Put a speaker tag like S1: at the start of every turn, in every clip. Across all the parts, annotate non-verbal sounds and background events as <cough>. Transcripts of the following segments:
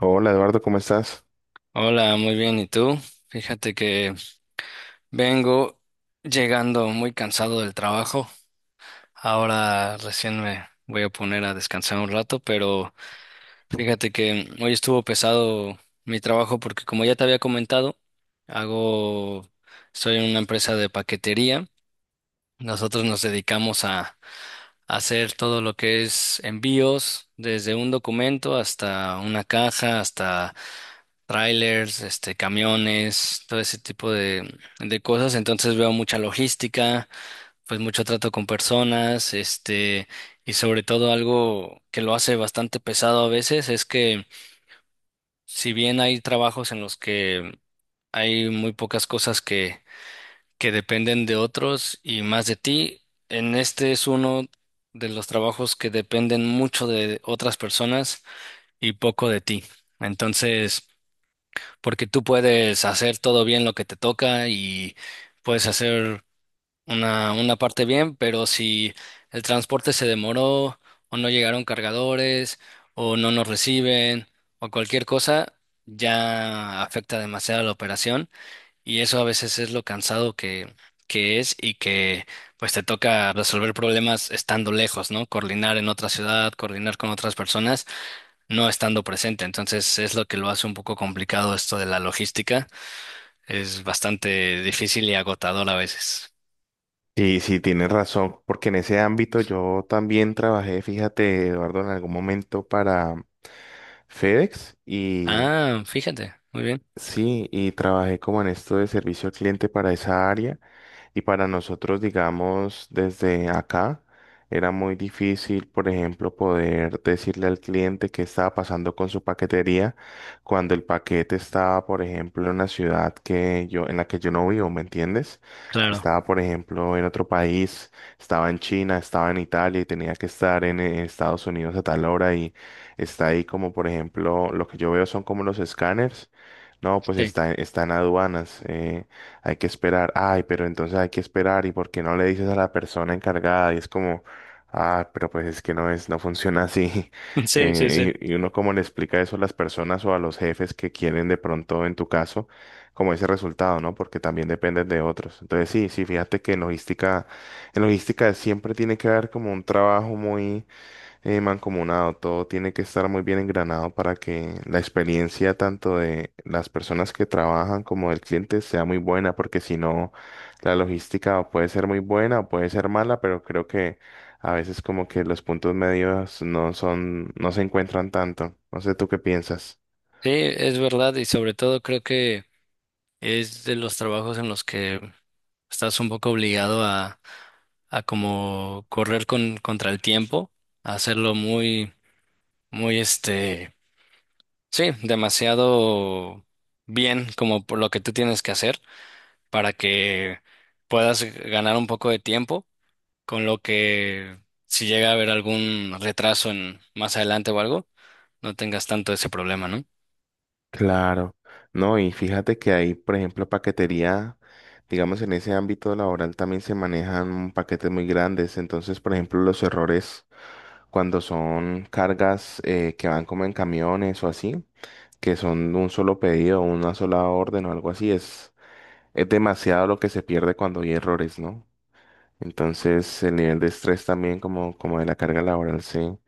S1: Hola Eduardo, ¿cómo estás?
S2: Hola, muy bien. ¿Y tú? Fíjate que vengo llegando muy cansado del trabajo. Ahora recién me voy a poner a descansar un rato, pero fíjate que hoy estuvo pesado mi trabajo porque como ya te había comentado, hago, soy en una empresa de paquetería. Nosotros nos dedicamos hacer todo lo que es envíos, desde un documento hasta una caja, hasta trailers, camiones, todo ese tipo de cosas. Entonces veo mucha logística, pues mucho trato con personas, y sobre todo algo que lo hace bastante pesado a veces es que si bien hay trabajos en los que hay muy pocas cosas que dependen de otros y más de ti. En este es uno de los trabajos que dependen mucho de otras personas y poco de ti. Entonces, porque tú puedes hacer todo bien lo que te toca y puedes hacer una parte bien, pero si el transporte se demoró o no llegaron cargadores o no nos reciben o cualquier cosa, ya afecta demasiado la operación. Y eso a veces es lo cansado que es y que pues te toca resolver problemas estando lejos, ¿no? Coordinar en otra ciudad, coordinar con otras personas, no estando presente. Entonces es lo que lo hace un poco complicado esto de la logística. Es bastante difícil y agotador a veces.
S1: Y sí, tienes razón, porque en ese ámbito yo también trabajé, fíjate Eduardo, en algún momento para FedEx, y
S2: Ah, fíjate, muy bien.
S1: sí, y trabajé como en esto de servicio al cliente para esa área. Y para nosotros, digamos, desde acá, era muy difícil, por ejemplo, poder decirle al cliente qué estaba pasando con su paquetería cuando el paquete estaba, por ejemplo, en una ciudad que yo, en la que yo no vivo, ¿me entiendes? Que
S2: Claro,
S1: estaba, por ejemplo, en otro país, estaba en China, estaba en Italia y tenía que estar en Estados Unidos a tal hora, y está ahí como, por ejemplo, lo que yo veo son como los escáneres. No, pues
S2: sí.
S1: está, está en aduanas. Hay que esperar. Ay, pero entonces hay que esperar, y por qué no le dices a la persona encargada, y es como, ah, pero pues es que no es, no funciona así. <laughs>
S2: <laughs> Sí, sí,
S1: Eh,
S2: sí.
S1: y, y uno como le explica eso a las personas o a los jefes que quieren de pronto, en tu caso, como ese resultado, ¿no? Porque también dependen de otros. Entonces, sí, sí, fíjate que en logística siempre tiene que haber como un trabajo muy mancomunado, todo tiene que estar muy bien engranado para que la experiencia tanto de las personas que trabajan como del cliente sea muy buena, porque si no, la logística puede ser muy buena o puede ser mala, pero creo que a veces como que los puntos medios no son, no se encuentran tanto. No sé, ¿tú qué piensas?
S2: Sí, es verdad y sobre todo creo que es de los trabajos en los que estás un poco obligado a como correr contra el tiempo, a hacerlo muy este, sí, demasiado bien como por lo que tú tienes que hacer para que puedas ganar un poco de tiempo, con lo que si llega a haber algún retraso en más adelante o algo, no tengas tanto ese problema, ¿no?
S1: Claro, no, y fíjate que ahí, por ejemplo, paquetería, digamos, en ese ámbito laboral también se manejan paquetes muy grandes. Entonces, por ejemplo, los errores cuando son cargas que van como en camiones o así, que son un solo pedido, una sola orden o algo así, es demasiado lo que se pierde cuando hay errores, ¿no? Entonces, el nivel de estrés también, como, como de la carga laboral, se,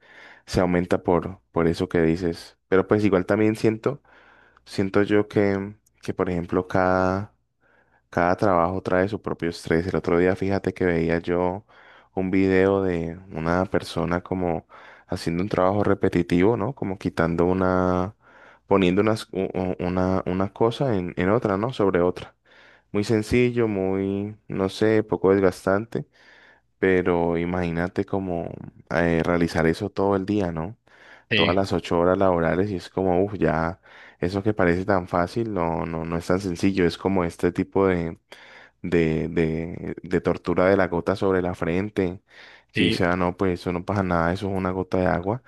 S1: se aumenta por eso que dices, pero pues igual también siento yo que, por ejemplo, cada trabajo trae su propio estrés. El otro día, fíjate que veía yo un video de una persona como haciendo un trabajo repetitivo, ¿no? Como quitando una, poniendo una cosa en otra, ¿no? Sobre otra. Muy sencillo, muy, no sé, poco desgastante, pero imagínate como realizar eso todo el día, ¿no?
S2: Sí,
S1: Todas las 8 horas laborales, y es como, uff, ya eso que parece tan fácil, no, no, no es tan sencillo. Es como este tipo de tortura de la gota sobre la frente, que dice,
S2: sí.
S1: ah, no, pues eso no pasa nada, eso es una gota de agua,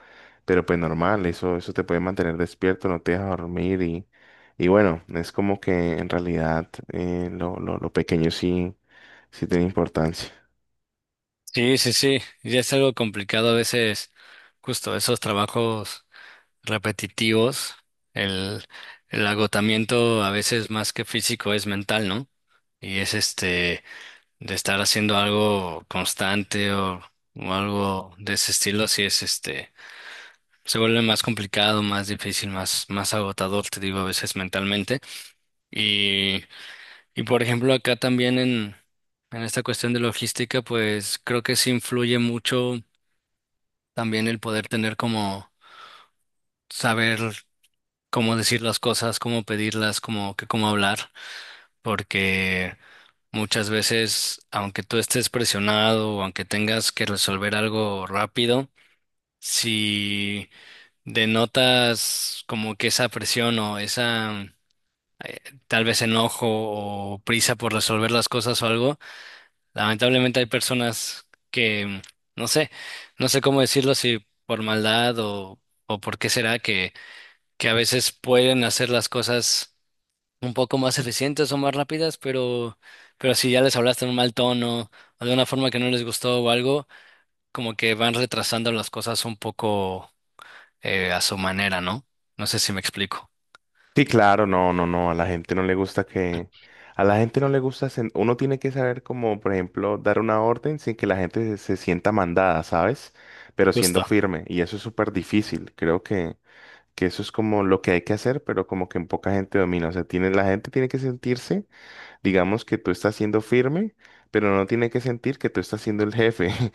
S1: pero pues normal, eso te puede mantener despierto, no te deja dormir. Y bueno, es como que en realidad, lo pequeño sí, sí tiene importancia.
S2: Sí, sí, sí, ya es algo complicado a veces, justo esos trabajos repetitivos, el, el agotamiento a veces más que físico es mental, ¿no? Y es de estar haciendo algo constante o algo de ese estilo, sí es se vuelve más complicado, más difícil, más agotador, te digo, a veces mentalmente. Y, y por ejemplo, acá también en esta cuestión de logística, pues creo que sí influye mucho también el poder tener como saber cómo decir las cosas, cómo pedirlas, cómo hablar, porque muchas veces, aunque tú estés presionado o aunque tengas que resolver algo rápido, si denotas como que esa presión o esa eh, tal vez enojo o prisa por resolver las cosas o algo, lamentablemente hay personas que, no sé, no sé cómo decirlo, si por maldad o por qué será que a veces pueden hacer las cosas un poco más eficientes o más rápidas, pero si ya les hablaste en un mal tono o de una forma que no les gustó o algo, como que van retrasando las cosas un poco a su manera, ¿no? No sé si me explico.
S1: Sí, claro, no, no, no, a la gente no le gusta que, a la gente no le gusta, uno tiene que saber como, por ejemplo, dar una orden sin que la gente se sienta mandada, ¿sabes? Pero siendo
S2: Justo.
S1: firme, y eso es súper difícil. Creo que, eso es como lo que hay que hacer, pero como que en poca gente domina, o sea, la gente tiene que sentirse, digamos, que tú estás siendo firme, pero no tiene que sentir que tú estás siendo el jefe. <laughs>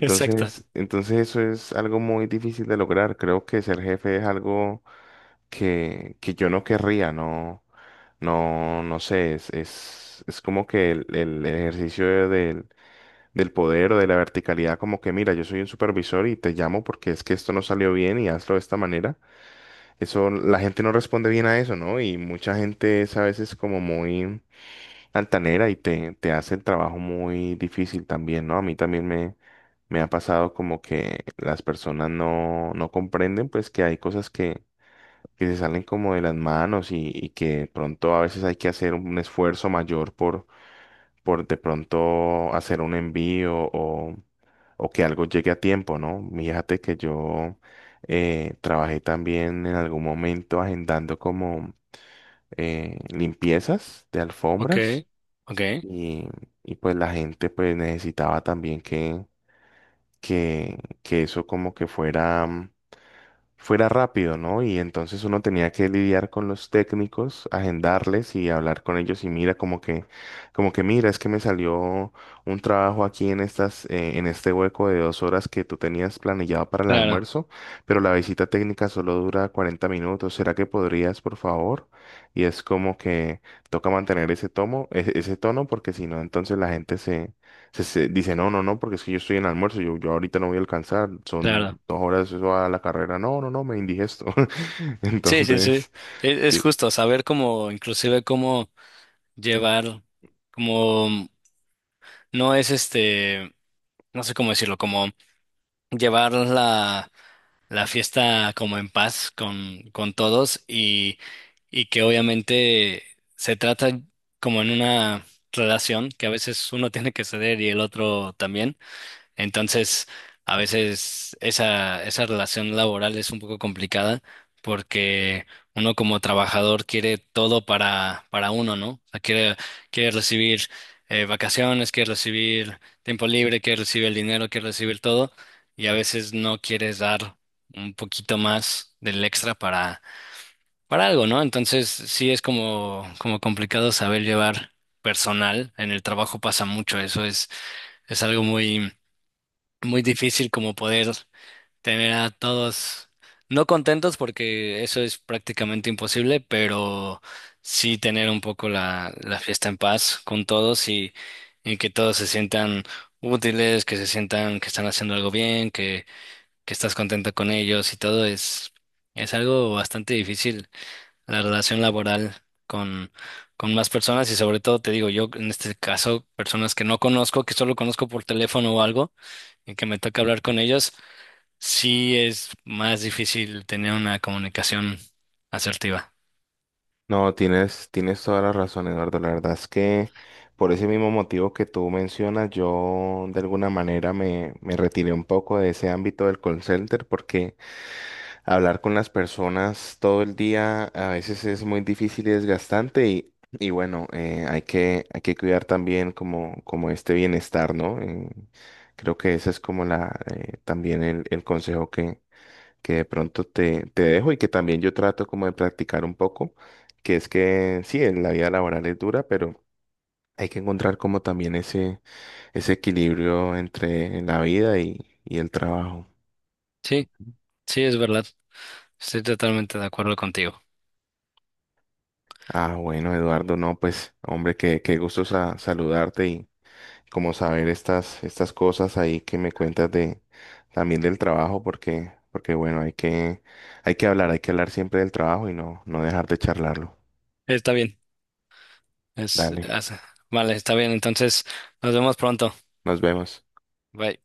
S2: <laughs> Exacto.
S1: entonces eso es algo muy difícil de lograr. Creo que ser jefe es algo que yo no querría, no, no, no sé, es como que el ejercicio del, del poder o de la verticalidad, como que mira, yo soy un supervisor y te llamo porque es que esto no salió bien y hazlo de esta manera. Eso, la gente no responde bien a eso, ¿no? Y mucha gente es a veces como muy altanera, y te hace el trabajo muy difícil también, ¿no? A mí también me... Me ha pasado como que las personas no comprenden pues que hay cosas que se salen como de las manos, y que de pronto a veces hay que hacer un esfuerzo mayor por de pronto hacer un envío, o que algo llegue a tiempo, ¿no? Fíjate que yo trabajé también en algún momento agendando como limpiezas de
S2: Ok,
S1: alfombras,
S2: ok.
S1: y, y pues la gente pues necesitaba también que eso como que fuera fuera rápido, ¿no? Y entonces uno tenía que lidiar con los técnicos, agendarles y hablar con ellos, y mira como que mira, es que me salió un trabajo aquí en estas, en este hueco de 2 horas que tú tenías planillado para el
S2: Claro,
S1: almuerzo, pero la visita técnica solo dura 40 minutos. ¿Será que podrías, por favor? Y es como que toca mantener ese tomo, ese tono, porque si no, entonces la gente se dice, no, no, no, porque es que yo estoy en almuerzo, yo ahorita no voy a alcanzar,
S2: claro.
S1: son 2 horas eso a la carrera, no, no, no, me indigesto. <laughs>
S2: Sí, sí, sí.
S1: Entonces,
S2: Es
S1: yo-
S2: justo saber cómo, inclusive cómo llevar, como no es no sé cómo decirlo, como llevar la fiesta como en paz con todos y que obviamente se trata como en una relación que a veces uno tiene que ceder y el otro también. Entonces, a veces esa relación laboral es un poco complicada porque uno como trabajador quiere todo para uno, ¿no? O sea, quiere, quiere recibir vacaciones, quiere recibir tiempo libre, quiere recibir el dinero, quiere recibir todo y a veces no quieres dar un poquito más del extra para algo, ¿no? Entonces, sí es como, como complicado saber llevar personal. En el trabajo pasa mucho, eso es algo muy muy difícil como poder tener a todos no contentos porque eso es prácticamente imposible, pero sí tener un poco la fiesta en paz con todos y que todos se sientan útiles, que se sientan que están haciendo algo bien, que estás contento con ellos y todo es algo bastante difícil la relación laboral con, con más personas y sobre todo te digo yo en este caso personas que no conozco, que solo conozco por teléfono o algo y que me toca hablar con ellos, sí es más difícil tener una comunicación asertiva.
S1: no, tienes toda la razón, Eduardo. La verdad es que por ese mismo motivo que tú mencionas, yo de alguna manera me retiré un poco de ese ámbito del call center, porque hablar con las personas todo el día a veces es muy difícil y desgastante. Y bueno, hay que cuidar también, como este bienestar, ¿no? Creo que ese es como también el consejo que de pronto te dejo, y que también yo trato como de practicar un poco, que es que sí, en la vida laboral es dura, pero hay que encontrar como también ese equilibrio entre la vida, y el trabajo.
S2: Sí, sí, es verdad. Estoy totalmente de acuerdo contigo.
S1: Ah, bueno, Eduardo, no, pues, hombre, qué gusto saludarte, y como saber estas cosas ahí que me cuentas de también del trabajo, porque bueno, hay que hablar, hay que hablar siempre del trabajo, y no dejar de charlarlo.
S2: Está bien.
S1: Dale,
S2: Es- vale, está bien. Entonces, nos vemos pronto.
S1: nos vemos.
S2: Bye.